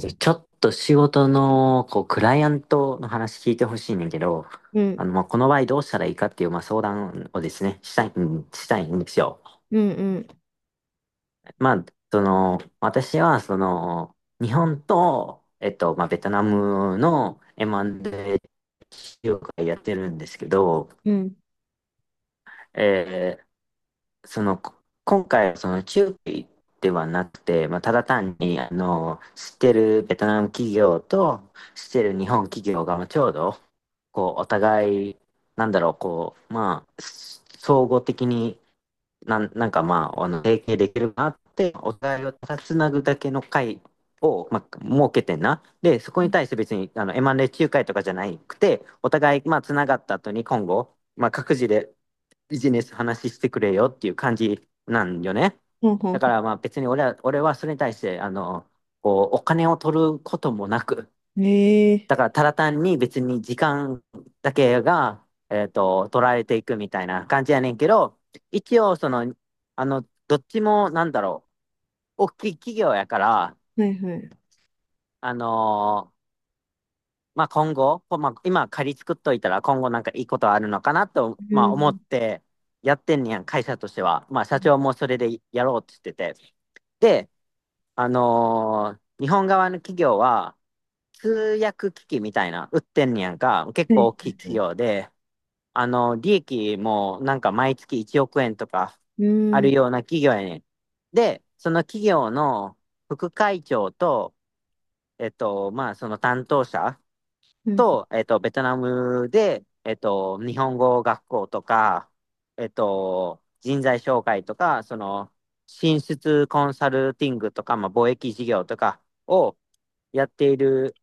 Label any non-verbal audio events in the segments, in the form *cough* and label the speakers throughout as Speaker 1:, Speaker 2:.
Speaker 1: じゃあちょっと仕事の、こう、クライアントの話聞いてほしいねんけど、
Speaker 2: うん、
Speaker 1: まあ、この場合どうしたらいいかっていう、まあ、相談をですね、したいんですよ。
Speaker 2: うん、うん、
Speaker 1: まあ、その、私は、その、日本と、まあ、ベトナムの M&A 業界やってるんですけど、
Speaker 2: うん。
Speaker 1: えーその、今回はその中継ではなくて、まあ、ただ単に、知ってるベトナム企業と知ってる日本企業がまあちょうど、こう、お互い、なんだろう、こう、まあ、総合的になんかまあ、提携できるかなって、お互いをただつなぐだけの会を、まあ、設けてんな。で、そこに対して別に、M&A 仲介とかじゃなくて、お互い、まあ、つながった後に今後、まあ、各自でビジネス話してくれよっていう感じなんよね。
Speaker 2: ほんほん
Speaker 1: だか
Speaker 2: ほ
Speaker 1: らまあ別に俺はそれに対して、こう、お金を取ることもなく、
Speaker 2: ん。へえ。
Speaker 1: だからただ単に別に時間だけが、取られていくみたいな感じやねんけど、一応その、どっちもなんだろう、大きい企業やから、
Speaker 2: はいはい。
Speaker 1: あのまあ今後、まあ、今仮作っといたら今後なんかいいことあるのかなと、
Speaker 2: う
Speaker 1: まあ思
Speaker 2: ん。
Speaker 1: ってやってんねやん、会社としては。まあ社長もそれでやろうって言ってて。で、日本側の企業は通訳機器みたいな売ってんねやんか、結
Speaker 2: はい
Speaker 1: 構大
Speaker 2: は
Speaker 1: きい
Speaker 2: いは
Speaker 1: 企
Speaker 2: い。
Speaker 1: 業で、利益もなんか毎月1億円とか
Speaker 2: う
Speaker 1: ある
Speaker 2: ん、
Speaker 1: ような企業やねん。で、その企業の副会長と、まあその担当者、
Speaker 2: うん、
Speaker 1: と、ベトナムで、日本語学校とか、人材紹介とか、その、進出コンサルティングとか、まあ、貿易事業とかをやっている、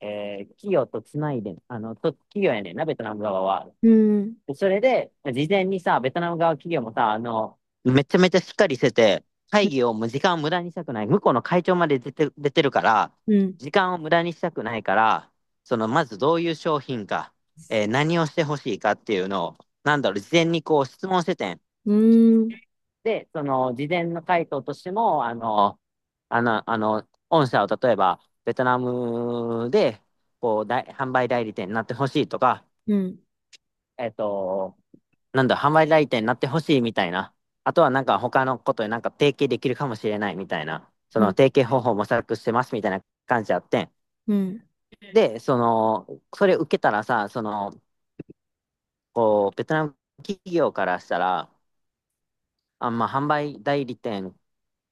Speaker 1: 企業とつないで、と企業やねんな、ベトナム側は。
Speaker 2: うん、
Speaker 1: でそれで、事前にさ、ベトナム側企業もさ、めちゃめちゃしっかりしてて、
Speaker 2: う
Speaker 1: 会
Speaker 2: ん、
Speaker 1: 議をもう時間を無駄にしたくない。向こうの会長まで出てるから、
Speaker 2: うん、
Speaker 1: 時間を無駄にしたくないから、その、まずどういう商品か、何をしてほしいかっていうのを、なんだろう、事前にこう質問しててん。
Speaker 2: うん、
Speaker 1: で、その、事前の回答としても、御社を例えば、ベトナムで、こう、大販売代理店になってほしいとか、
Speaker 2: うん、
Speaker 1: えっと、なんだ、販売代理店になってほしいみたいな。あとはなんか他のことでなんか提携できるかもしれないみたいな。その提携方法を模索してますみたいな感じあって。
Speaker 2: うん、
Speaker 1: で、その、それ受けたらさ、その、こう、ベトナム企業からしたら、あ、まあ、販売代理店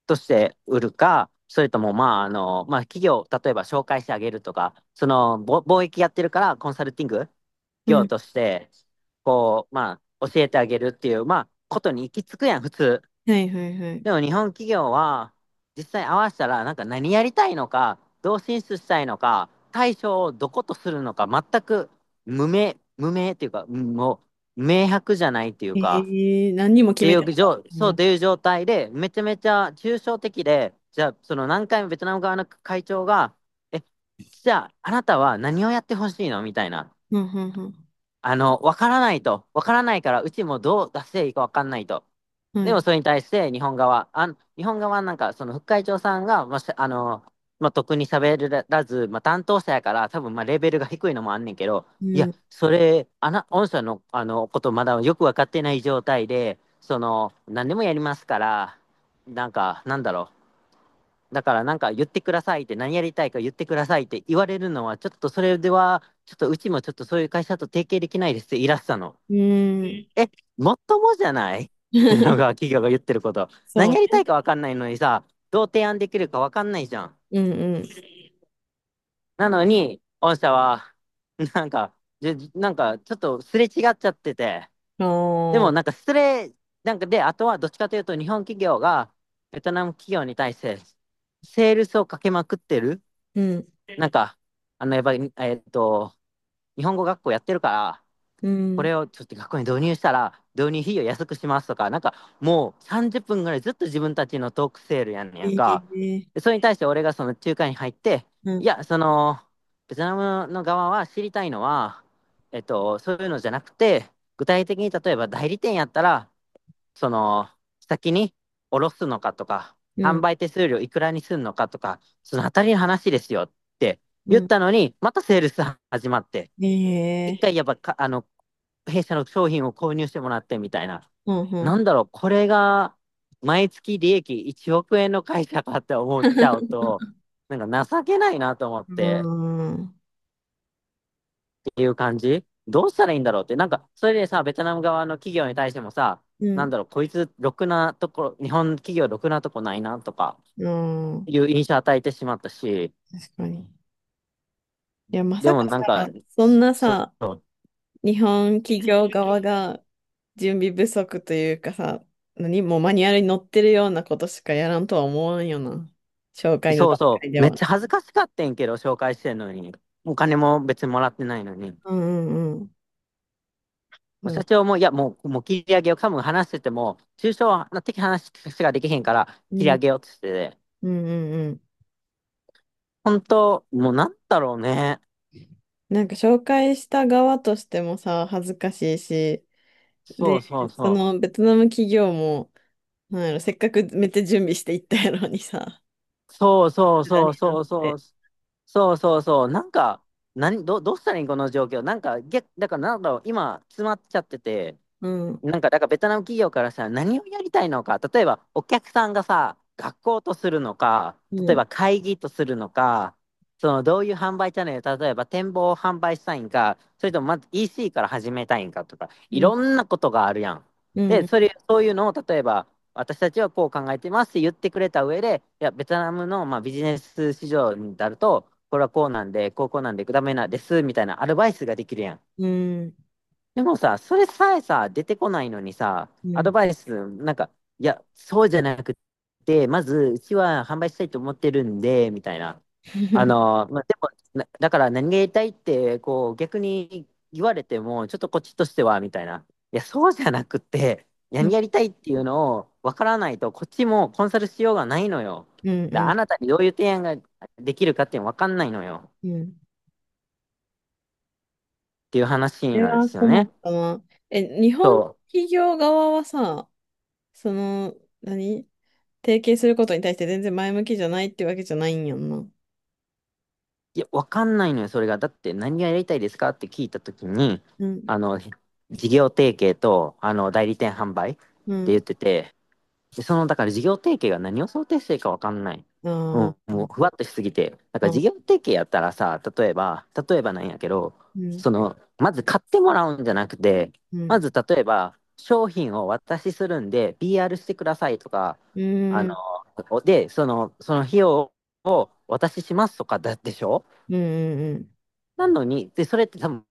Speaker 1: として売るか、それとも、まあ、まあ、企業、例えば紹介してあげるとか、その、貿易やってるから、コンサルティング
Speaker 2: う
Speaker 1: 業
Speaker 2: ん。
Speaker 1: として、こう、まあ、教えてあげるっていう、まあ、ことに行き着くやん、普通。
Speaker 2: はいはいはい。
Speaker 1: でも、日本企業は、実際合わせたら、なんか何やりたいのか、どう進出したいのか、対象をどことするのか、全く無名っていうか、もう、明白じゃないっていうか、
Speaker 2: ええ、何にも
Speaker 1: っ
Speaker 2: 決
Speaker 1: てい
Speaker 2: めてな
Speaker 1: う
Speaker 2: かっ
Speaker 1: 状、
Speaker 2: たん
Speaker 1: そう
Speaker 2: や。
Speaker 1: という状態で、めちゃめちゃ抽象的で、じゃあ、その何回もベトナム側の会長が、え、じゃあ、あなたは何をやってほしいのみたいな。
Speaker 2: うん、うん、
Speaker 1: わからないと。わからないから、うちもどう出していいかわかんないと。
Speaker 2: うん。は
Speaker 1: でも、
Speaker 2: い。
Speaker 1: それに対して日本側、あ、日本側なんか、その副会長さんが、まあ、まあ、特に喋らず、まあ、担当者やから、多分、まあ、レベルが低いのもあんねんけど、
Speaker 2: う
Speaker 1: いや、
Speaker 2: ん、
Speaker 1: 御社の、ことまだよくわかってない状態で、その、何でもやりますから、なんか、なんだろう。だからなんか言ってくださいって何やりたいか言ってくださいって言われるのはちょっとそれではちょっとうちもちょっとそういう会社と提携できないですって言いらしたの。
Speaker 2: うん。
Speaker 1: え、もっともじゃないってのが
Speaker 2: *laughs*
Speaker 1: 企業が言ってること。
Speaker 2: そ
Speaker 1: 何
Speaker 2: う
Speaker 1: やりた
Speaker 2: ね。
Speaker 1: いか分かんないのにさ、どう提案できるか分かんないじゃん。
Speaker 2: うん、うん。
Speaker 1: なのに、御社はなんか、なんかちょっとすれ違っちゃってて、
Speaker 2: あ
Speaker 1: でも
Speaker 2: あ、
Speaker 1: なんかすれなんかで、あとはどっちかというと日本企業がベトナム企業に対してセールスをかけまくってる。
Speaker 2: うん、
Speaker 1: なんか、やっぱり、日本語学校やってるから、
Speaker 2: う
Speaker 1: こ
Speaker 2: ん。
Speaker 1: れをちょっと学校に導入したら、導入費用安くしますとか、なんか、もう30分ぐらいずっと自分たちのトークセールやんねやん
Speaker 2: え
Speaker 1: か。
Speaker 2: え、
Speaker 1: でそれに対して俺がその仲介に入って、
Speaker 2: う
Speaker 1: い
Speaker 2: ん、
Speaker 1: や、その、ベトナムの側は知りたいのは、そういうのじゃなくて、具体的に例えば代理店やったら、その、先に下ろすのかとか、
Speaker 2: う
Speaker 1: 販
Speaker 2: ん、
Speaker 1: 売手数料いくらにすんのかとか、そのあたりの話ですよって
Speaker 2: う
Speaker 1: 言っ
Speaker 2: ん。
Speaker 1: たのに、またセールス始まって、
Speaker 2: え
Speaker 1: 一
Speaker 2: え、
Speaker 1: 回やっぱか、あの、弊社の商品を購入してもらってみたいな。
Speaker 2: うん、うん。
Speaker 1: なんだろう、これが毎月利益1億円の会社かって思っちゃう
Speaker 2: *laughs*
Speaker 1: と、なんか情けないなと思っ
Speaker 2: う
Speaker 1: て。
Speaker 2: ーん。
Speaker 1: ていう感じどうしたらいいんだろうって。なんか、それでさ、ベトナム側の企業に対してもさ、
Speaker 2: う
Speaker 1: なん
Speaker 2: ん
Speaker 1: だろう、こいつ、ろくなところ、日本企業ろくなとこないな、とか、
Speaker 2: うん。
Speaker 1: いう印象与えてしまったし、
Speaker 2: 確かに。いや、ま
Speaker 1: で
Speaker 2: さ
Speaker 1: も
Speaker 2: か
Speaker 1: なん
Speaker 2: さ、
Speaker 1: か、
Speaker 2: そんな
Speaker 1: そ
Speaker 2: さ、
Speaker 1: う、
Speaker 2: 日本企業側が準備不足というかさ、何もうマニュアルに載ってるようなことしかやらんとは思わんよな。紹介の
Speaker 1: そう
Speaker 2: 段
Speaker 1: そ
Speaker 2: 階
Speaker 1: う、
Speaker 2: で
Speaker 1: めっ
Speaker 2: は。
Speaker 1: ちゃ恥ずかしかってんけど、紹介してんのに。お金も別にもらってないのに。も
Speaker 2: うんうんうん。う
Speaker 1: う
Speaker 2: ん
Speaker 1: 社長も、いや、もう、もう切り上げよう。多分話してても、抽象的話しかできへんから、
Speaker 2: う
Speaker 1: 切り上
Speaker 2: ん
Speaker 1: げようって言ってて。
Speaker 2: うんうん。
Speaker 1: 本当、もうなんだろうね。
Speaker 2: なんか紹介した側としてもさ、恥ずかしいし、
Speaker 1: そ
Speaker 2: で、
Speaker 1: うそう
Speaker 2: そ
Speaker 1: そう。
Speaker 2: のベトナム企業も、なんやろ、せっかくめっちゃ準備していったやろにさ、
Speaker 1: そうそう
Speaker 2: 無駄
Speaker 1: そう
Speaker 2: になっ
Speaker 1: そうそ
Speaker 2: て。
Speaker 1: う。そうそうそう。なんか、どうしたらいいんこの状況。なんか、だからなんだろう、今、詰まっちゃってて、
Speaker 2: うん
Speaker 1: なんか、だからベトナム企業からさ、何をやりたいのか、例えばお客さんがさ、学校とするのか、
Speaker 2: う
Speaker 1: 例え
Speaker 2: ん
Speaker 1: ば会議とするのか、そのどういう販売チャンネル、例えば展望を販売したいんか、それともまず EC から始めたいんかとか、い
Speaker 2: う
Speaker 1: ろ
Speaker 2: ん
Speaker 1: んなことがあるやん。
Speaker 2: う
Speaker 1: で、
Speaker 2: ん
Speaker 1: そういうのを例えば、私たちはこう考えてますって言ってくれた上で、いや、ベトナムの、まあ、ビジネス市場になると、これはこうなんで、こうこうなんで、ダメなんですみたいなアドバイスができるやん。
Speaker 2: うん、
Speaker 1: でもさ、それさえさ、出てこないのにさ、
Speaker 2: う
Speaker 1: アド
Speaker 2: ん。
Speaker 1: バイス、なんか、いや、そうじゃなくて、まず、うちは販売したいと思ってるんで、みたいな。あ
Speaker 2: *laughs*
Speaker 1: の、まあ、でも、なだから何がやりたいって、こう、逆に言われても、ちょっとこっちとしては、みたいな。いや、そうじゃなくて、
Speaker 2: う
Speaker 1: 何
Speaker 2: ん、
Speaker 1: やりたいっていうのを分からないと、こっちもコンサルしようがないのよ。
Speaker 2: う
Speaker 1: あ
Speaker 2: ん、
Speaker 1: なたにどういう提案ができるかって分かんないのよ。
Speaker 2: うん。
Speaker 1: っていう
Speaker 2: そ
Speaker 1: 話
Speaker 2: れ
Speaker 1: なんで
Speaker 2: は
Speaker 1: すよ
Speaker 2: 困
Speaker 1: ね。
Speaker 2: ったな。え、日本
Speaker 1: そう。
Speaker 2: 企業側はさ、その、何提携することに対して全然前向きじゃないってわけじゃないんやんな。
Speaker 1: いや、わかんないのよ、それが。だって、何がやりたいですかって聞いたときに、
Speaker 2: うん、
Speaker 1: あの、事業提携と、代理店販売って
Speaker 2: う
Speaker 1: 言
Speaker 2: ん。
Speaker 1: ってて、で、その、だから事業提携が何を想定してるかわかんない。
Speaker 2: あ
Speaker 1: もうん、もう、
Speaker 2: ー。
Speaker 1: ふわっとしすぎて。だから
Speaker 2: あ、
Speaker 1: 事業提携やったらさ、例えば、例えばなんやけど、
Speaker 2: うん、
Speaker 1: その、まず買ってもらうんじゃなくて、
Speaker 2: う
Speaker 1: ま
Speaker 2: ん、
Speaker 1: ず例えば、商品をお渡しするんで、PR してくださいとか、
Speaker 2: うん、
Speaker 1: あ
Speaker 2: うん、
Speaker 1: の、で、その、その費用をお渡ししますとかだでしょ。
Speaker 2: うん、うん。
Speaker 1: なのに、で、それって多分、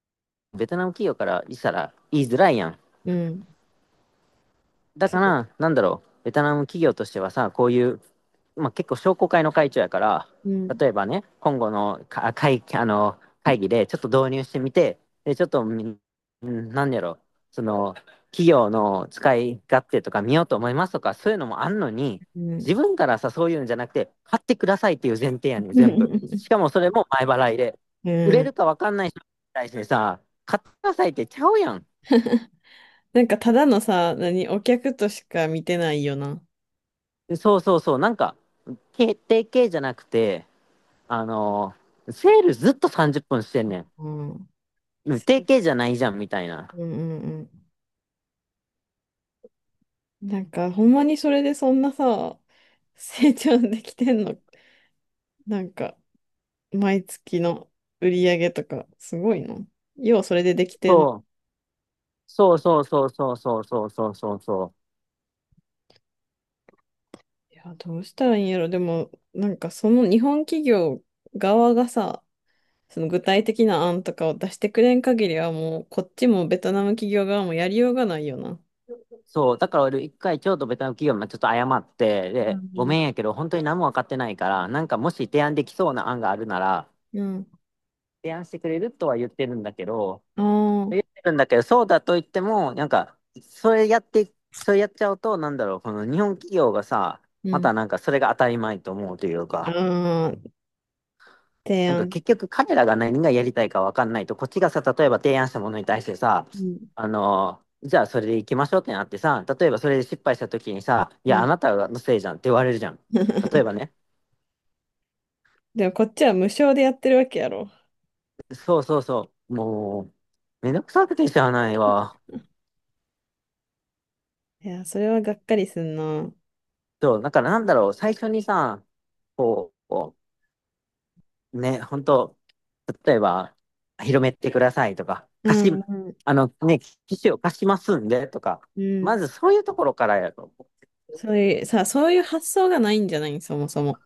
Speaker 1: ベトナム企業からしたら言いづらいやん。
Speaker 2: うん。
Speaker 1: だか
Speaker 2: そ
Speaker 1: ら、なんだろう、ベトナム企業としてはさ、こういう、まあ、結構商工会の会長やから、
Speaker 2: う。うん、
Speaker 1: 例えばね、今後の会議でちょっと導入してみて、でちょっとみ、んなんやろ、その、企業の使い勝手とか見ようと思いますとか、そういうのもあんのに、
Speaker 2: う
Speaker 1: 自
Speaker 2: ん。
Speaker 1: 分からさ、そういうんじゃなくて、買ってくださいっていう前提やねん、全部。
Speaker 2: *laughs*
Speaker 1: しかもそれも前払いで。
Speaker 2: う
Speaker 1: 売れ
Speaker 2: ん。
Speaker 1: るか分かんない人に対してさ、買ってくださいってちゃうやん。
Speaker 2: なんかただのさ、何、お客としか見てないよな。
Speaker 1: そう、なんか、決定系じゃなくて、あのセールずっと30分してんねん。
Speaker 2: うん。うん
Speaker 1: 定型じゃないじゃん、みたいな。
Speaker 2: うん。なんか、ほんまにそれでそんなさ、成長できてんの、なんか、毎月の売り上げとか、すごいの。要はそれでできてん。い
Speaker 1: そう。そうそうそうそうそうそうそうそうそう。
Speaker 2: や、どうしたらいいんやろ。でも、なんかその日本企業側がさ、その具体的な案とかを出してくれん限りはもう、こっちもベトナム企業側もやりようがないよな。
Speaker 1: そう。だから俺一回京都ベトナム企業まあちょっと謝って、
Speaker 2: う
Speaker 1: で、ご
Speaker 2: ん
Speaker 1: めんやけど本当に何も分かってないから、なんかもし提案できそうな案があるなら、
Speaker 2: うん。
Speaker 1: 提案してくれるとは言ってるんだけど、
Speaker 2: うん。ああ。
Speaker 1: そうだと言っても、なんか、それやってい、それやっちゃうと、なんだろう、この日本企業がさ、
Speaker 2: う
Speaker 1: ま
Speaker 2: ん。
Speaker 1: たなんかそれが当たり前と思うという
Speaker 2: あ
Speaker 1: か、
Speaker 2: あ、提
Speaker 1: なんか
Speaker 2: 案。
Speaker 1: 結局彼らが何がやりたいかわかんないと、こっちがさ、例えば提案したものに対してさ、
Speaker 2: うん。
Speaker 1: あの、じゃあそれで行きましょうってなってさ、例えばそれで失敗した時にさ、い
Speaker 2: う
Speaker 1: や、あ
Speaker 2: ん。
Speaker 1: なたのせいじゃんって言われるじゃん。例えば
Speaker 2: *laughs*
Speaker 1: ね。
Speaker 2: でもこっちは無償でやってるわけやろ。
Speaker 1: そう。もう、めんどくさくてしゃあないわ。
Speaker 2: いや、それはがっかりすんな。
Speaker 1: そう、だからなんだろう、最初にさ、こう、ね、本当例えば、広めてくださいとか、
Speaker 2: う
Speaker 1: 貸
Speaker 2: ん、
Speaker 1: し、
Speaker 2: うん、
Speaker 1: あのね、機種を貸しますんでとか、
Speaker 2: う
Speaker 1: ま
Speaker 2: ん。
Speaker 1: ずそういうところからやろ。
Speaker 2: そういう、さ、そういう発想がないんじゃないそもそも。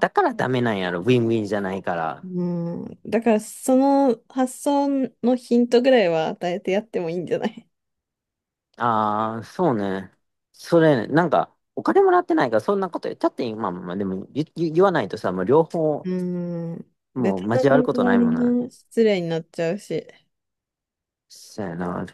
Speaker 1: だからダメなんやろ、ウィンウィンじゃないから。
Speaker 2: うん。だから、その発想のヒントぐらいは与えてやってもいいんじゃない。
Speaker 1: ああ、そうね。それ、なんか、お金もらってないから、そんなこと言っちゃっていい、まあまあでも言わないとさ、もう両方、
Speaker 2: うん。*laughs* ベ
Speaker 1: も
Speaker 2: ト
Speaker 1: う
Speaker 2: ナ
Speaker 1: 交わる
Speaker 2: ム
Speaker 1: こと
Speaker 2: 側
Speaker 1: ない
Speaker 2: に
Speaker 1: もんな。
Speaker 2: な失礼になっちゃうし。
Speaker 1: そうやな、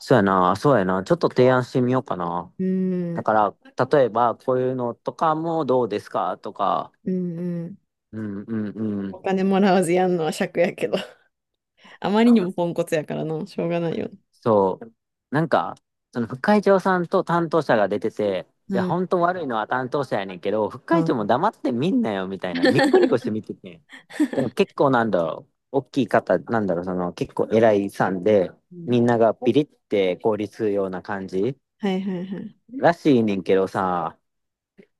Speaker 1: そうやな、そうやな、ちょっと提案してみようかな。
Speaker 2: う
Speaker 1: だ
Speaker 2: ん、
Speaker 1: から、例えば、こういうのとかもどうですかとか、
Speaker 2: うん、うん。
Speaker 1: うんうんう
Speaker 2: お
Speaker 1: ん。
Speaker 2: 金もらわずやんのは癪やけど。*laughs* あまりにもポンコツやからな、しょうがないよね。
Speaker 1: そう。なんか、その副会長さんと担当者が出てて、
Speaker 2: う
Speaker 1: いや、
Speaker 2: ん。
Speaker 1: 本当悪いのは担当者やねんけど、副会
Speaker 2: あ。
Speaker 1: 長も
Speaker 2: *laughs*
Speaker 1: 黙ってみんなよ、みたいな。ニコニコして見てて。でも結構なんだろう。大きい方、なんだろう、その結構偉いさんで、
Speaker 2: うん。
Speaker 1: みんながビリって凍りつくような感じ
Speaker 2: はいはいはい。
Speaker 1: らしいねんけどさ、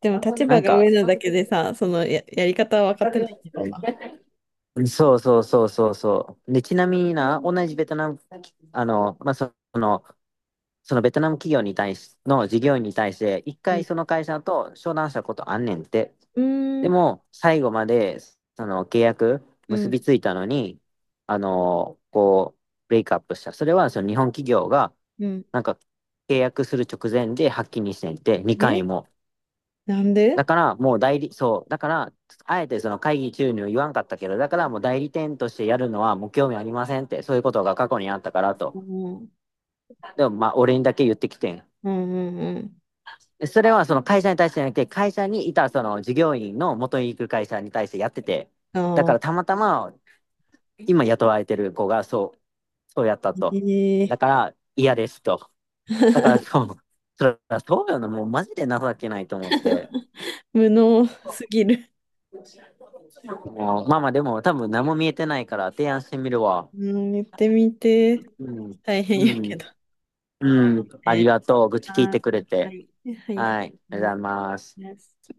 Speaker 2: でも立
Speaker 1: な
Speaker 2: 場
Speaker 1: ん
Speaker 2: が
Speaker 1: か、
Speaker 2: 上なだけでさ、そのや、やり方は分かってないんだろうな。
Speaker 1: そう。で、ちなみにな、同じベトナム、あの、まあ、その、そのベトナム企業に対し、の事業員に対して、一
Speaker 2: う
Speaker 1: 回
Speaker 2: ん。
Speaker 1: その会社と商談したことあんねんって。
Speaker 2: うー
Speaker 1: で
Speaker 2: ん。
Speaker 1: も、最後まで、その契約
Speaker 2: う
Speaker 1: 結
Speaker 2: ん。
Speaker 1: びついたのに、あの、こう、ブレイクアップした。それは、その日本企業が、
Speaker 2: うん。
Speaker 1: なんか、契約する直前で発起にしてんって、2
Speaker 2: え、
Speaker 1: 回も。
Speaker 2: なんで。
Speaker 1: だから、もう代理、そう、だから、あえてその会議中には言わんかったけど、だからもう代理店としてやるのはもう興味ありませんって、そういうことが過去にあったから
Speaker 2: う
Speaker 1: と。
Speaker 2: ん。うん
Speaker 1: でも、まあ、俺にだけ言ってきてん。
Speaker 2: うんうん。
Speaker 1: それはその会社に対してじゃなくて、会社にいたその従業員の元に行く会社に対してやってて、だ
Speaker 2: あ
Speaker 1: から
Speaker 2: あ。
Speaker 1: たまたま今雇われてる子がそうやったと。
Speaker 2: え
Speaker 1: だ
Speaker 2: え。
Speaker 1: から嫌ですと。だからそ
Speaker 2: *laughs*
Speaker 1: う、それはそうよな、もうマジで情けないと思って。
Speaker 2: 無能すぎる。
Speaker 1: もうまあまあでも多分何も見えてないから提案してみるわ。
Speaker 2: うん、言ってみて。
Speaker 1: うん。
Speaker 2: 大変や
Speaker 1: う
Speaker 2: けど。
Speaker 1: ん。うん。あり
Speaker 2: ね。
Speaker 1: がとう。愚痴聞い
Speaker 2: は
Speaker 1: て
Speaker 2: い。
Speaker 1: くれ
Speaker 2: は
Speaker 1: て。
Speaker 2: い。はい。
Speaker 1: はい。ありがとうございます。